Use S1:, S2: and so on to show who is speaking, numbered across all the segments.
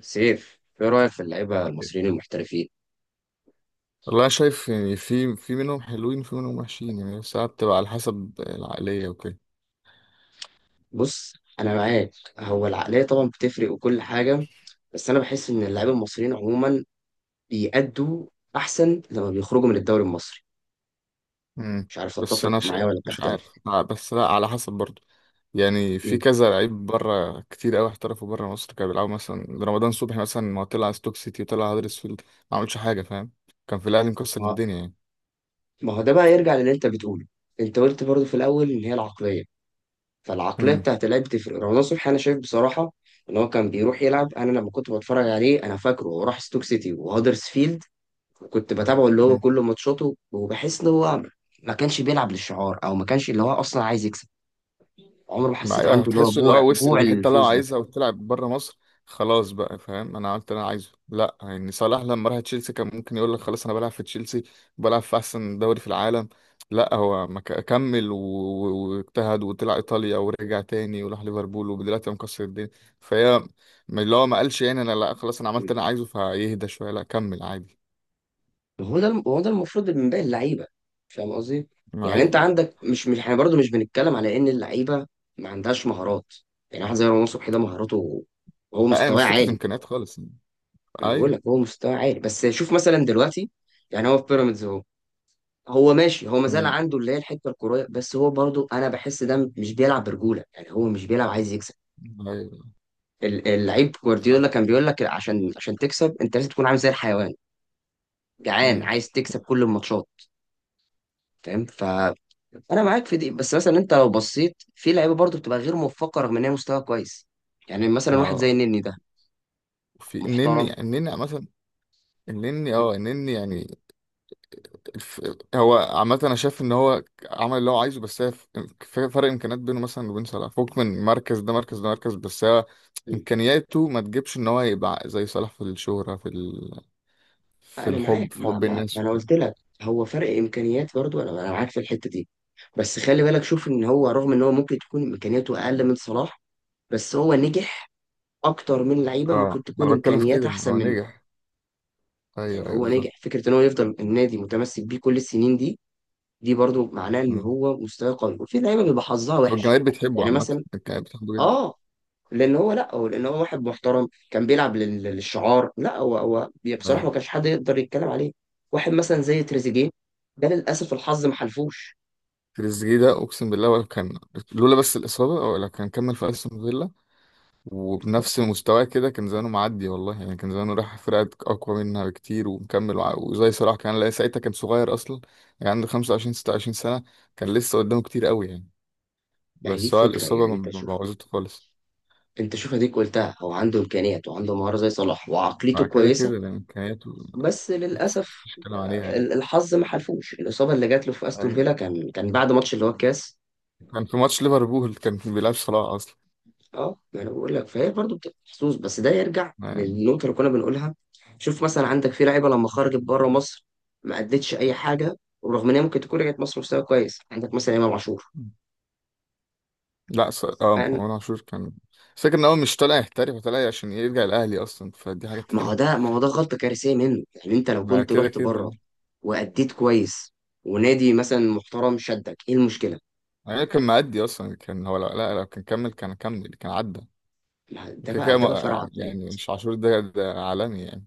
S1: سيف، ايه رايك في اللعيبه المصريين المحترفين؟
S2: والله أنا شايف يعني في منهم حلوين وفي منهم وحشين يعني، ساعات بتبقى على حسب العقلية وكده.
S1: بص، انا معاك. هو العقليه طبعا بتفرق وكل حاجه. بس انا بحس ان اللعيبه المصريين عموما بيأدوا احسن لما بيخرجوا من الدوري المصري.
S2: امم
S1: مش عارف
S2: بس
S1: تتفق
S2: أنا
S1: معايا ولا
S2: مش عارف،
S1: تختلف.
S2: بس لا، على حسب برضه. يعني في
S1: مم.
S2: كذا لعيب بره كتير قوي احترفوا بره مصر، كانوا بيلعبوا مثلا رمضان صبحي مثلا. ما هو طلع ستوك سيتي وطلع هدرسفيلد، ما عملش حاجة، فاهم؟ كان في الأهلي مكسر
S1: ما
S2: الدنيا يعني.
S1: ما هو ده بقى يرجع للي انت بتقوله. انت قلت برضو في الاول ان هي العقليه، فالعقليه بتاعت اللعيب بتفرق. رمضان صبحي انا شايف بصراحه ان هو كان بيروح يلعب. انا لما كنت بتفرج عليه، انا فاكره هو راح ستوك سيتي وهدرسفيلد، وكنت بتابعه اللي هو
S2: امم
S1: كل ماتشاته، وبحس ان هو ما كانش بيلعب للشعار، او ما كانش اللي هو اصلا عايز يكسب. عمره ما
S2: ما
S1: حسيت
S2: أيوة،
S1: عنده اللي هو
S2: هتحس اللي
S1: جوع
S2: هو وصل
S1: جوع
S2: الحته اللي هو
S1: الفوز ده.
S2: عايزها وتلعب بره مصر، خلاص بقى، فاهم؟ انا عملت اللي انا عايزه. لا يعني صلاح لما راح تشيلسي كان ممكن يقول لك خلاص انا بلعب في تشيلسي، بلعب في احسن دوري في العالم. لا، هو ما ك- كمل واجتهد، وطلع ايطاليا ورجع تاني وراح ليفربول ودلوقتي هو مكسر الدنيا. فهي اللي هو ما قالش يعني انا لا، خلاص انا عملت اللي انا عايزه فيهدى شويه، لا كمل عادي.
S1: هو ده هو ده المفروض من باقي اللعيبه. فاهم قصدي؟
S2: ما
S1: يعني انت
S2: ايه.
S1: عندك، مش احنا برضه مش بنتكلم على ان اللعيبه ما عندهاش مهارات. يعني واحد زي رمضان صبحي ده مهاراته، هو
S2: لا،
S1: مستواه
S2: مش فكره
S1: عالي.
S2: امكانيات خالص يعني.
S1: انا بقول
S2: ايوه.
S1: لك هو مستواه عالي، بس شوف مثلا دلوقتي. يعني هو في بيراميدز اهو. هو ماشي، هو مازال
S2: امم.
S1: عنده اللي هي الحته الكرويه، بس هو برضو انا بحس ده مش بيلعب برجوله. يعني هو مش بيلعب عايز يكسب.
S2: ايوه.
S1: اللعيب جوارديولا كان بيقول لك عشان تكسب انت لازم تكون عامل زي الحيوان، جعان،
S2: امم.
S1: عايز تكسب كل الماتشات. فاهم. انا معاك في دي، بس مثلا انت لو بصيت في لعيبه برضو بتبقى غير موفقه رغم ان هي مستوى كويس. يعني مثلا واحد زي
S2: اه.
S1: النني ده
S2: في
S1: محترم.
S2: النني، النني عامة. النني، النني يعني، الف... هو عامة انا شايف ان هو عمل اللي هو عايزه، بس هي في فرق امكانيات بينه مثلا وبين صلاح، فوق من مركز ده مركز ده مركز، بس هو امكانياته ما تجيبش ان هو يبقى زي صلاح في الشهرة، في في
S1: انا معاك.
S2: الحب، في
S1: ما,
S2: حب
S1: ما, ما
S2: الناس.
S1: انا قلت لك، هو فرق امكانيات برضو، انا معاك في الحته دي. بس خلي بالك، شوف ان هو رغم ان هو ممكن تكون امكانياته اقل من صلاح، بس هو نجح اكتر من لعيبه ممكن
S2: اه
S1: تكون
S2: انا بتكلم في
S1: امكانيات
S2: كده،
S1: احسن
S2: هو
S1: منه.
S2: نجح. ايوه
S1: يعني
S2: ايوه
S1: هو نجح.
S2: بالظبط.
S1: فكره ان هو يفضل النادي متمسك بيه كل السنين دي، دي برضو معناه ان
S2: مم.
S1: هو مستواه قوي. وفي لعيبه بيبقى حظها وحش.
S2: والجماهير بتحبه
S1: يعني
S2: عامة.
S1: مثلا،
S2: الجماهير بتحبه جدا.
S1: اه لان هو، لا هو لان هو واحد محترم كان بيلعب للشعار. لا هو هو بي- بصراحه
S2: ايوه.
S1: ما كانش حد يقدر يتكلم عليه. واحد مثلا زي تريزيجيه، ده للاسف الحظ ما حلفوش.
S2: تريزيجيه ده اقسم بالله ولا كان، لولا بس الاصابة ولا كان كمل في استون فيلا وبنفس مستواه كده، كان زمانه معدي والله يعني. كان زمانه راح فرقة أقوى منها بكتير ومكمل، وزي صلاح كان. لا، ساعتها كان صغير أصلا، يعني عنده 25 26 سنة، كان لسه قدامه كتير قوي يعني.
S1: يعني دي
S2: بس هو
S1: فكره.
S2: الإصابة
S1: يعني
S2: ما
S1: انت
S2: ما
S1: شوف،
S2: بوظته خالص.
S1: اديك قلتها هو عنده امكانيات وعنده مهاره زي صلاح
S2: مع
S1: وعقليته
S2: كده
S1: كويسه،
S2: كده، ده إمكانياته،
S1: بس
S2: بس
S1: للاسف
S2: مش كلام عليها يعني.
S1: الحظ ما حلفوش. الاصابه اللي جات له في استون
S2: أيوة.
S1: فيلا كان بعد ماتش اللي هو الكاس.
S2: كان في ماتش ليفربول، كان بيلعب صلاح أصلا.
S1: اه، ما انا بقول لك فهي برضه بتبقى محظوظ، بس ده يرجع
S2: يعني.
S1: للنقطه اللي كنا بنقولها. شوف مثلا عندك في لعيبه لما خرجت بره مصر، ما ادتش اي حاجه، ورغم ان هي ممكن تكون رجعت مصر مستوى كويس. عندك مثلا امام عاشور.
S2: لا ص... اه
S1: أنا-
S2: مروان عاشور، كان فكرة إن هو مش طالع يحترف، طالع عشان يرجع الأهلي أصلا، فدي حاجة تانية.
S1: ما هو ده غلطه كارثيه منه. يعني انت لو
S2: مع
S1: كنت
S2: كده
S1: رحت بره،
S2: كده
S1: واديت كويس، ونادي مثلا محترم شدك، ايه المشكله؟
S2: يعني، كان معدي اصلا. كان هو لا، لو كان كمل كان عدى،
S1: ما ده
S2: وكده
S1: بقى
S2: كده.
S1: فرع عقليه.
S2: يعني مش عاشور ده عالمي يعني.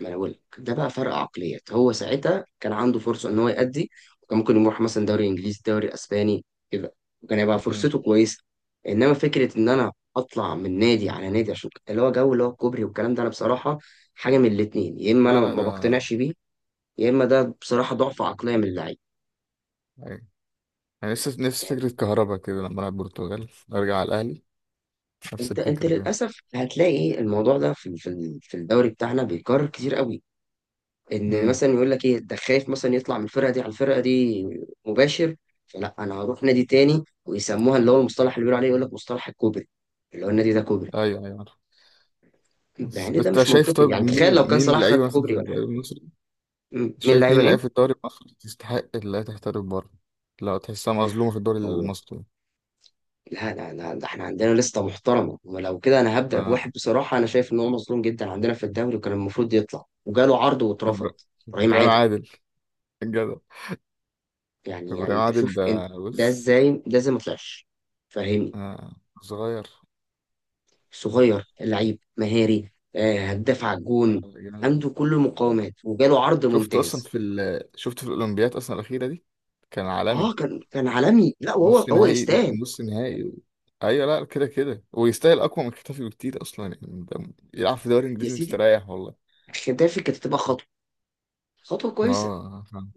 S1: ما انا بقول لك ده بقى فرق عقليات. هو ساعتها كان عنده فرصه ان هو يأدي، وكان ممكن يروح مثلا دوري انجليزي، دوري اسباني، كده، وكان هيبقى
S2: مم.
S1: فرصته كويسه. انما فكره ان انا اطلع من نادي على نادي عشان اللي هو جو اللي هو الكوبري والكلام ده، انا بصراحه، حاجه من الاتنين: يا اما
S2: لا
S1: انا
S2: لا،
S1: ما
S2: ده
S1: بقتنعش بيه، يا اما ده بصراحه ضعف عقليه من اللعيب.
S2: أيوة. يعني نفس
S1: يعني
S2: فكرة كهربا كده، لما ألعب البرتغال أرجع على الأهلي، نفس
S1: انت
S2: الفكرة كده.
S1: للاسف هتلاقي الموضوع ده في الدوري بتاعنا بيكرر كتير قوي، ان
S2: مم.
S1: مثلا يقول لك ايه ده، خايف مثلا يطلع من الفرقه دي على الفرقه دي مباشر، فلا انا هروح نادي تاني، ويسموها اللي هو المصطلح اللي بيقولوا عليه، يقول لك مصطلح الكوبري، اللي هو النادي ده كوبري.
S2: أيوه أيوه عارف.
S1: ده
S2: بس
S1: يعني ده
S2: أنت
S1: مش
S2: شايف،
S1: منطقي.
S2: طب
S1: يعني
S2: مين،
S1: تخيل لو كان
S2: مين
S1: صلاح خد
S2: لعيبة مثلا في
S1: كوبري ولا
S2: الدوري
S1: حاجه.
S2: المصري،
S1: م- مين
S2: شايف
S1: اللعيبه
S2: مين لعيبة في
S1: ايه؟
S2: الدوري المصري تستحق اللي هي تحترف بره؟ لا، تحسها مظلومة في الدوري
S1: أو.
S2: المصري.
S1: لا، لا، لا، ده احنا عندنا لسته محترمه. ولو كده انا هبدا بواحد،
S2: آه.
S1: بصراحه انا شايف ان هو مظلوم جدا عندنا في الدوري، وكان المفروض يطلع وجاله عرض واترفض.
S2: إبرا-
S1: ابراهيم
S2: إبراهيم
S1: عادل.
S2: عادل، الجدع.
S1: يعني
S2: إبراهيم
S1: انت
S2: عادل
S1: شوف انت،
S2: ده، بص.
S1: ده ازاي ما طلعش؟ فاهمني؟
S2: آه. صغير.
S1: صغير، لعيب مهاري، هداف على
S2: آه.
S1: الجون.
S2: جميل.
S1: عنده كل المقاومات وجاله عرض
S2: شفته اصلا
S1: ممتاز.
S2: في شفته في الاولمبياد اصلا الاخيره دي، كان
S1: اه،
S2: عالمي.
S1: كان عالمي. لا، وهو
S2: نص
S1: هو
S2: نهائي.
S1: يستاهل.
S2: نص نهائي ايوه، لا كده كده، ويستاهل اقوى من كتافي بكتير اصلا، يعني ده يلعب في دوري
S1: يا
S2: انجليزي
S1: سيدي،
S2: مستريح والله.
S1: احترافي كانت تبقى خطوه، خطوه كويسه.
S2: اه فاهم.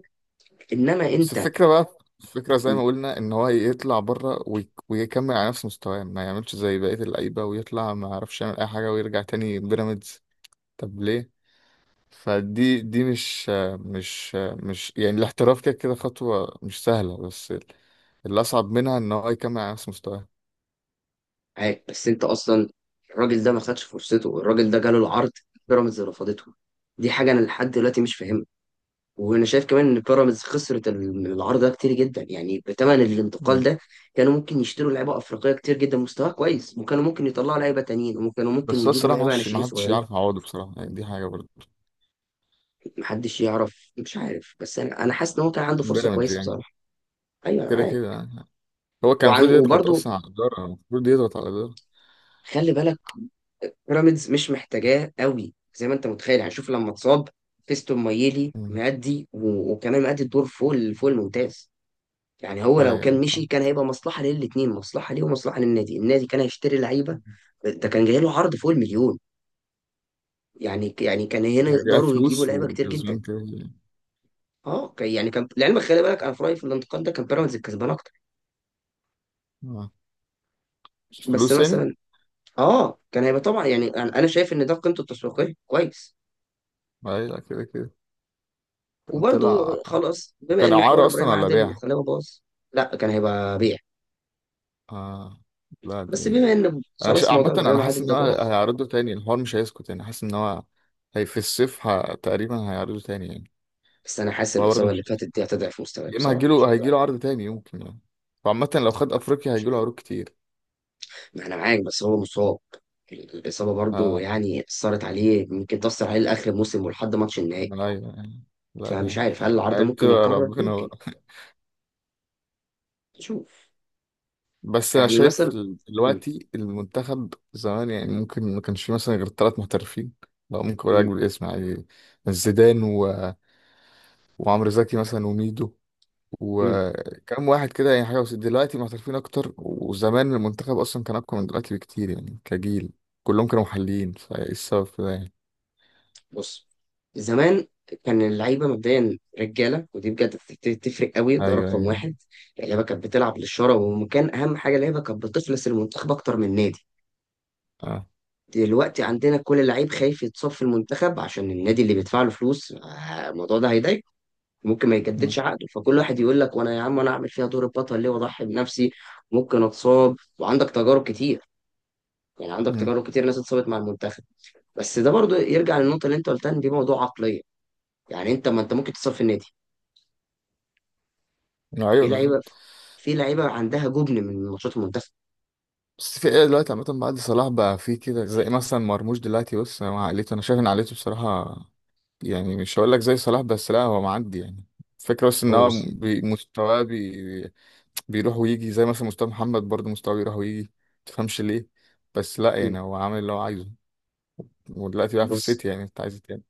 S1: انما
S2: بس
S1: انت.
S2: الفكره بقى، الفكره زي
S1: م-
S2: ما قلنا، ان هو يطلع بره ويكمل على نفس مستواه، ما يعملش زي بقيه اللعيبه ويطلع ما يعرفش يعمل اي حاجه ويرجع تاني بيراميدز. طب ليه؟ فدي مش، مش يعني الاحتراف كده كده خطوة مش سهلة، بس اللي أصعب منها إن هو يكمل على نفس مستواه.
S1: معاك، بس انت اصلا الراجل ده ما خدش فرصته. الراجل ده جاله العرض، بيراميدز رفضته. دي حاجه انا لحد دلوقتي مش فاهمها. وانا شايف كمان ان بيراميدز خسرت العرض ده كتير جدا، يعني بثمن الانتقال
S2: مم.
S1: ده كانوا ممكن يشتروا لعيبه افريقيه كتير جدا مستواها كويس، وكانوا ممكن يطلعوا لعيبه تانيين، وكانوا ممكن
S2: بس هو
S1: يجيبوا
S2: الصراحة
S1: لعيبه
S2: محدش
S1: ناشئين
S2: محدش
S1: صغيرين.
S2: يعرف يعوضه بصراحة يعني، دي حاجة برضه.
S1: محدش يعرف، مش عارف، بس انا حاسس ان هو كان عنده فرصه
S2: بيراميدز
S1: كويسه
S2: يعني.
S1: بصراحه. ايوه، انا
S2: كده
S1: معاك.
S2: كده يعني. هو كان المفروض يضغط
S1: وبرده
S2: أصلا على الإدارة، المفروض يضغط على الإدارة.
S1: خلي بالك، بيراميدز مش محتاجاه قوي زي ما انت متخيل. يعني شوف لما اتصاب، فيستون مايلي
S2: مم.
S1: مأدي وكمان مأدي الدور فوق فوق الممتاز. يعني هو
S2: أيوة
S1: لو كان
S2: أيوة
S1: مشي
S2: فاهم.
S1: كان هيبقى مصلحة للاتنين: مصلحة ليه ومصلحة للنادي. النادي كان هيشتري لعيبة.
S2: مم.
S1: ده كان جاي له عرض فوق المليون. يعني كان هنا
S2: يعني جاء
S1: يقدروا يجيبوا
S2: فلوس
S1: لعيبة كتير جدا.
S2: وكسبان كده يعني.
S1: اه، يعني كان لعلمك، خلي بالك، انا في رأيي في الانتقال ده كان بيراميدز الكسبان اكتر.
S2: آه.
S1: بس
S2: فلوس يعني؟
S1: مثلا، اه، كان هيبقى طبعا. يعني انا شايف ان ده قيمته التسويقية كويس.
S2: أيوة كده كده. كان
S1: وبرده،
S2: طلع.
S1: خلاص بما
S2: كان
S1: ان حوار
S2: إعارة أصلا
S1: ابراهيم
S2: ولا
S1: عادل
S2: بيع؟
S1: خلاه باظ. لا، كان هيبقى بيع.
S2: آه. لا
S1: بس
S2: دي،
S1: بما ان
S2: انا
S1: خلاص موضوع
S2: عامة انا
S1: ابراهيم
S2: حاسس
S1: عادل
S2: ان
S1: ده
S2: هو
S1: باظ.
S2: هيعرضه تاني، الحوار مش هيسكت يعني، حاسس ان هو هي في الصيف تقريبا هيعرضه تاني يعني.
S1: بس انا حاسس
S2: هو برضه
S1: الاصابة اللي
S2: مش،
S1: فاتت دي هتضعف مستواه،
S2: يا اما
S1: بصراحة مش هيقدر
S2: هيجيله عرض تاني يمكن يعني، وعامة لو خد
S1: عليه.
S2: افريقيا هيجيله عروض كتير.
S1: ما انا معاك، بس هو مصاب. الاصابه برضو
S2: آه.
S1: يعني اثرت عليه، ممكن تاثر عليه لاخر الموسم ولحد ماتش النهائي.
S2: لا يعني. لا ده
S1: فمش عارف هل العرضه
S2: ما دي
S1: ممكن
S2: بتبقى
S1: يتكرر،
S2: ربنا
S1: ممكن.
S2: بقى
S1: نشوف.
S2: بس انا
S1: يعني
S2: شايف
S1: مثلا. مم.
S2: دلوقتي المنتخب زمان يعني ممكن ما كانش فيه مثلا غير ثلاث محترفين، لو ممكن اقول لك
S1: مم.
S2: بالاسم يعني: زيدان وعمرو زكي مثلا وميدو
S1: مم.
S2: وكم واحد كده يعني، حاجة. بس دلوقتي محترفين أكتر، وزمان المنتخب أصلا كان أقوى من دلوقتي بكتير يعني كجيل، كلهم كانوا محليين. فإيه السبب في ده يعني؟
S1: بص، زمان كان اللعيبه مبدئيا رجاله، ودي بجد تفرق قوي. ده
S2: أيوه
S1: رقم
S2: أيوه.
S1: واحد. اللعيبه كانت بتلعب للشرف، وكان اهم حاجه اللعيبه كانت بتخلص المنتخب اكتر من النادي.
S2: أه.
S1: دلوقتي عندنا كل لعيب خايف يتصاب في المنتخب عشان النادي اللي بيدفع له فلوس، الموضوع ده هيضايقه، ممكن ما يجددش
S2: مم.
S1: عقده. فكل واحد يقول لك: وانا يا عم، انا اعمل فيها دور البطل ليه واضحي بنفسي؟ ممكن اتصاب، وعندك تجارب كتير. يعني عندك
S2: مم.
S1: تجارب كتير، ناس اتصابت مع المنتخب. بس ده برضو يرجع للنقطه اللي انت قلتها، ان دي موضوع عقليه. يعني انت، ما انت ممكن تتصاب في النادي. في
S2: أيوه
S1: لعيبه،
S2: بالظبط.
S1: في لعيبه عندها جبن من ماتشات المنتخب.
S2: بس في إيه دلوقتي عامة بعد صلاح بقى، في كده زي مثلا مرموش دلوقتي، بص، مع عقليته أنا شايف إن عقليته بصراحة يعني مش هقول لك زي صلاح، بس لا هو معدي يعني. فكرة بس إن
S1: هو
S2: هو
S1: بس.
S2: مستواه بيروح ويجي، زي مثلا مستوى محمد برضه، مستواه بيروح ويجي، متفهمش ليه. بس لا يعني هو عامل اللي هو عايزه، ودلوقتي بقى في
S1: بص،
S2: السيتي، يعني انت عايز إيه تاني؟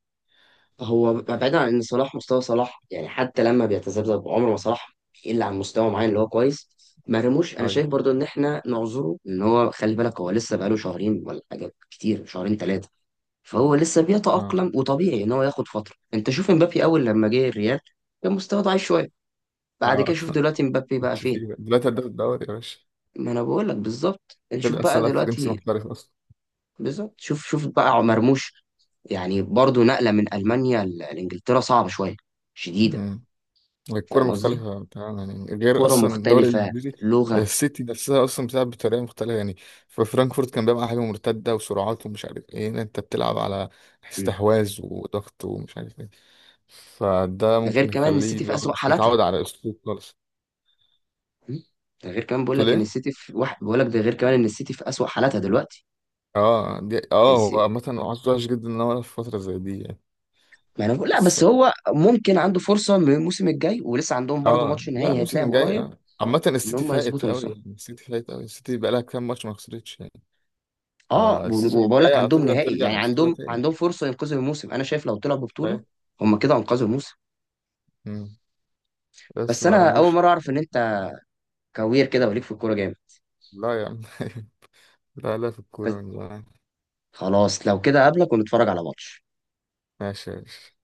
S1: هو بعيدا عن ان صلاح، مستوى صلاح يعني حتى لما بيتذبذب، عمره ما صلاح الا عن مستوى معين اللي هو كويس. مرموش انا
S2: ايوه.
S1: شايف برضو ان احنا نعذره، ان هو خلي بالك هو لسه بقاله شهرين ولا حاجه كتير، شهرين ثلاثه. فهو لسه
S2: اه.
S1: بيتاقلم، وطبيعي ان هو ياخد فتره. انت شوف امبابي اول لما جه الريال كان مستواه ضعيف شويه. بعد كده
S2: اه
S1: شوف دلوقتي امبابي بقى
S2: مش
S1: فين.
S2: فيه بقى. دلوقتي هداف الدوري يا باشا.
S1: ما انا بقول لك بالظبط. يعني شوف
S2: وكده اصلا
S1: بقى
S2: لاعب فرنسي
S1: دلوقتي.
S2: محترف اصلا.
S1: بالظبط. شوف بقى مرموش، يعني برضو نقله من المانيا لانجلترا صعبه شويه، شديده.
S2: مم. الكوره
S1: فاهم قصدي؟
S2: مختلفه تمام يعني، غير
S1: كرة
S2: اصلا الدوري
S1: مختلفة،
S2: الانجليزي ده،
S1: لغة.
S2: السيتي نفسها اصلا بتلعب بطريقه مختلفه يعني. في فرانكفورت كان بيلعب على حاجه مرتده وسرعات ومش عارف ايه، هنا انت بتلعب على
S1: م.
S2: استحواذ وضغط ومش عارف ايه، فده
S1: ده غير
S2: ممكن
S1: كمان ان
S2: يخليه
S1: السيتي في
S2: لو
S1: أسوأ
S2: مش
S1: حالاتها.
S2: متعود على اسلوب خالص.
S1: م. ده غير كمان بقول
S2: تقول
S1: لك ان
S2: ايه؟
S1: السيتي في واحد، بقول لك ده غير كمان ان السيتي في أسوأ حالاتها دلوقتي.
S2: اه دي،
S1: بس-
S2: هو عامه عذره وحش جدا ان هو يلعب في فتره زي دي يعني.
S1: ما انا بقول لا،
S2: بس
S1: بس هو ممكن عنده فرصة من الموسم الجاي، ولسه عندهم برضو
S2: اه
S1: ماتش
S2: لا،
S1: نهائي هيتلعب
S2: موسم جاي.
S1: قريب،
S2: اه عامة
S1: ان
S2: السيتي
S1: هم
S2: فايت
S1: يظبطوا
S2: قوي
S1: نفسهم.
S2: يعني، السيتي فايت قوي، السيتي بقالها كام ماتش ما خسرتش يعني.
S1: اه،
S2: فالسيزون
S1: وبقول
S2: الجاي
S1: لك عندهم
S2: اعتقد
S1: نهائي.
S2: هترجع
S1: يعني
S2: لمستوى
S1: عندهم
S2: تاني.
S1: عندهم فرصة ينقذوا الموسم. انا شايف لو طلعوا
S2: فاهم.
S1: ببطولة، هم كده انقذوا الموسم.
S2: مم. بس
S1: بس انا اول
S2: مرموش.
S1: مرة اعرف ان انت كوير كده وليك في الكورة جامد.
S2: لا يا عم لا لا، في
S1: بس
S2: الكورة من زمان.
S1: خلاص، لو كده قابلك ونتفرج على ماتش.
S2: ماشي يا باشا.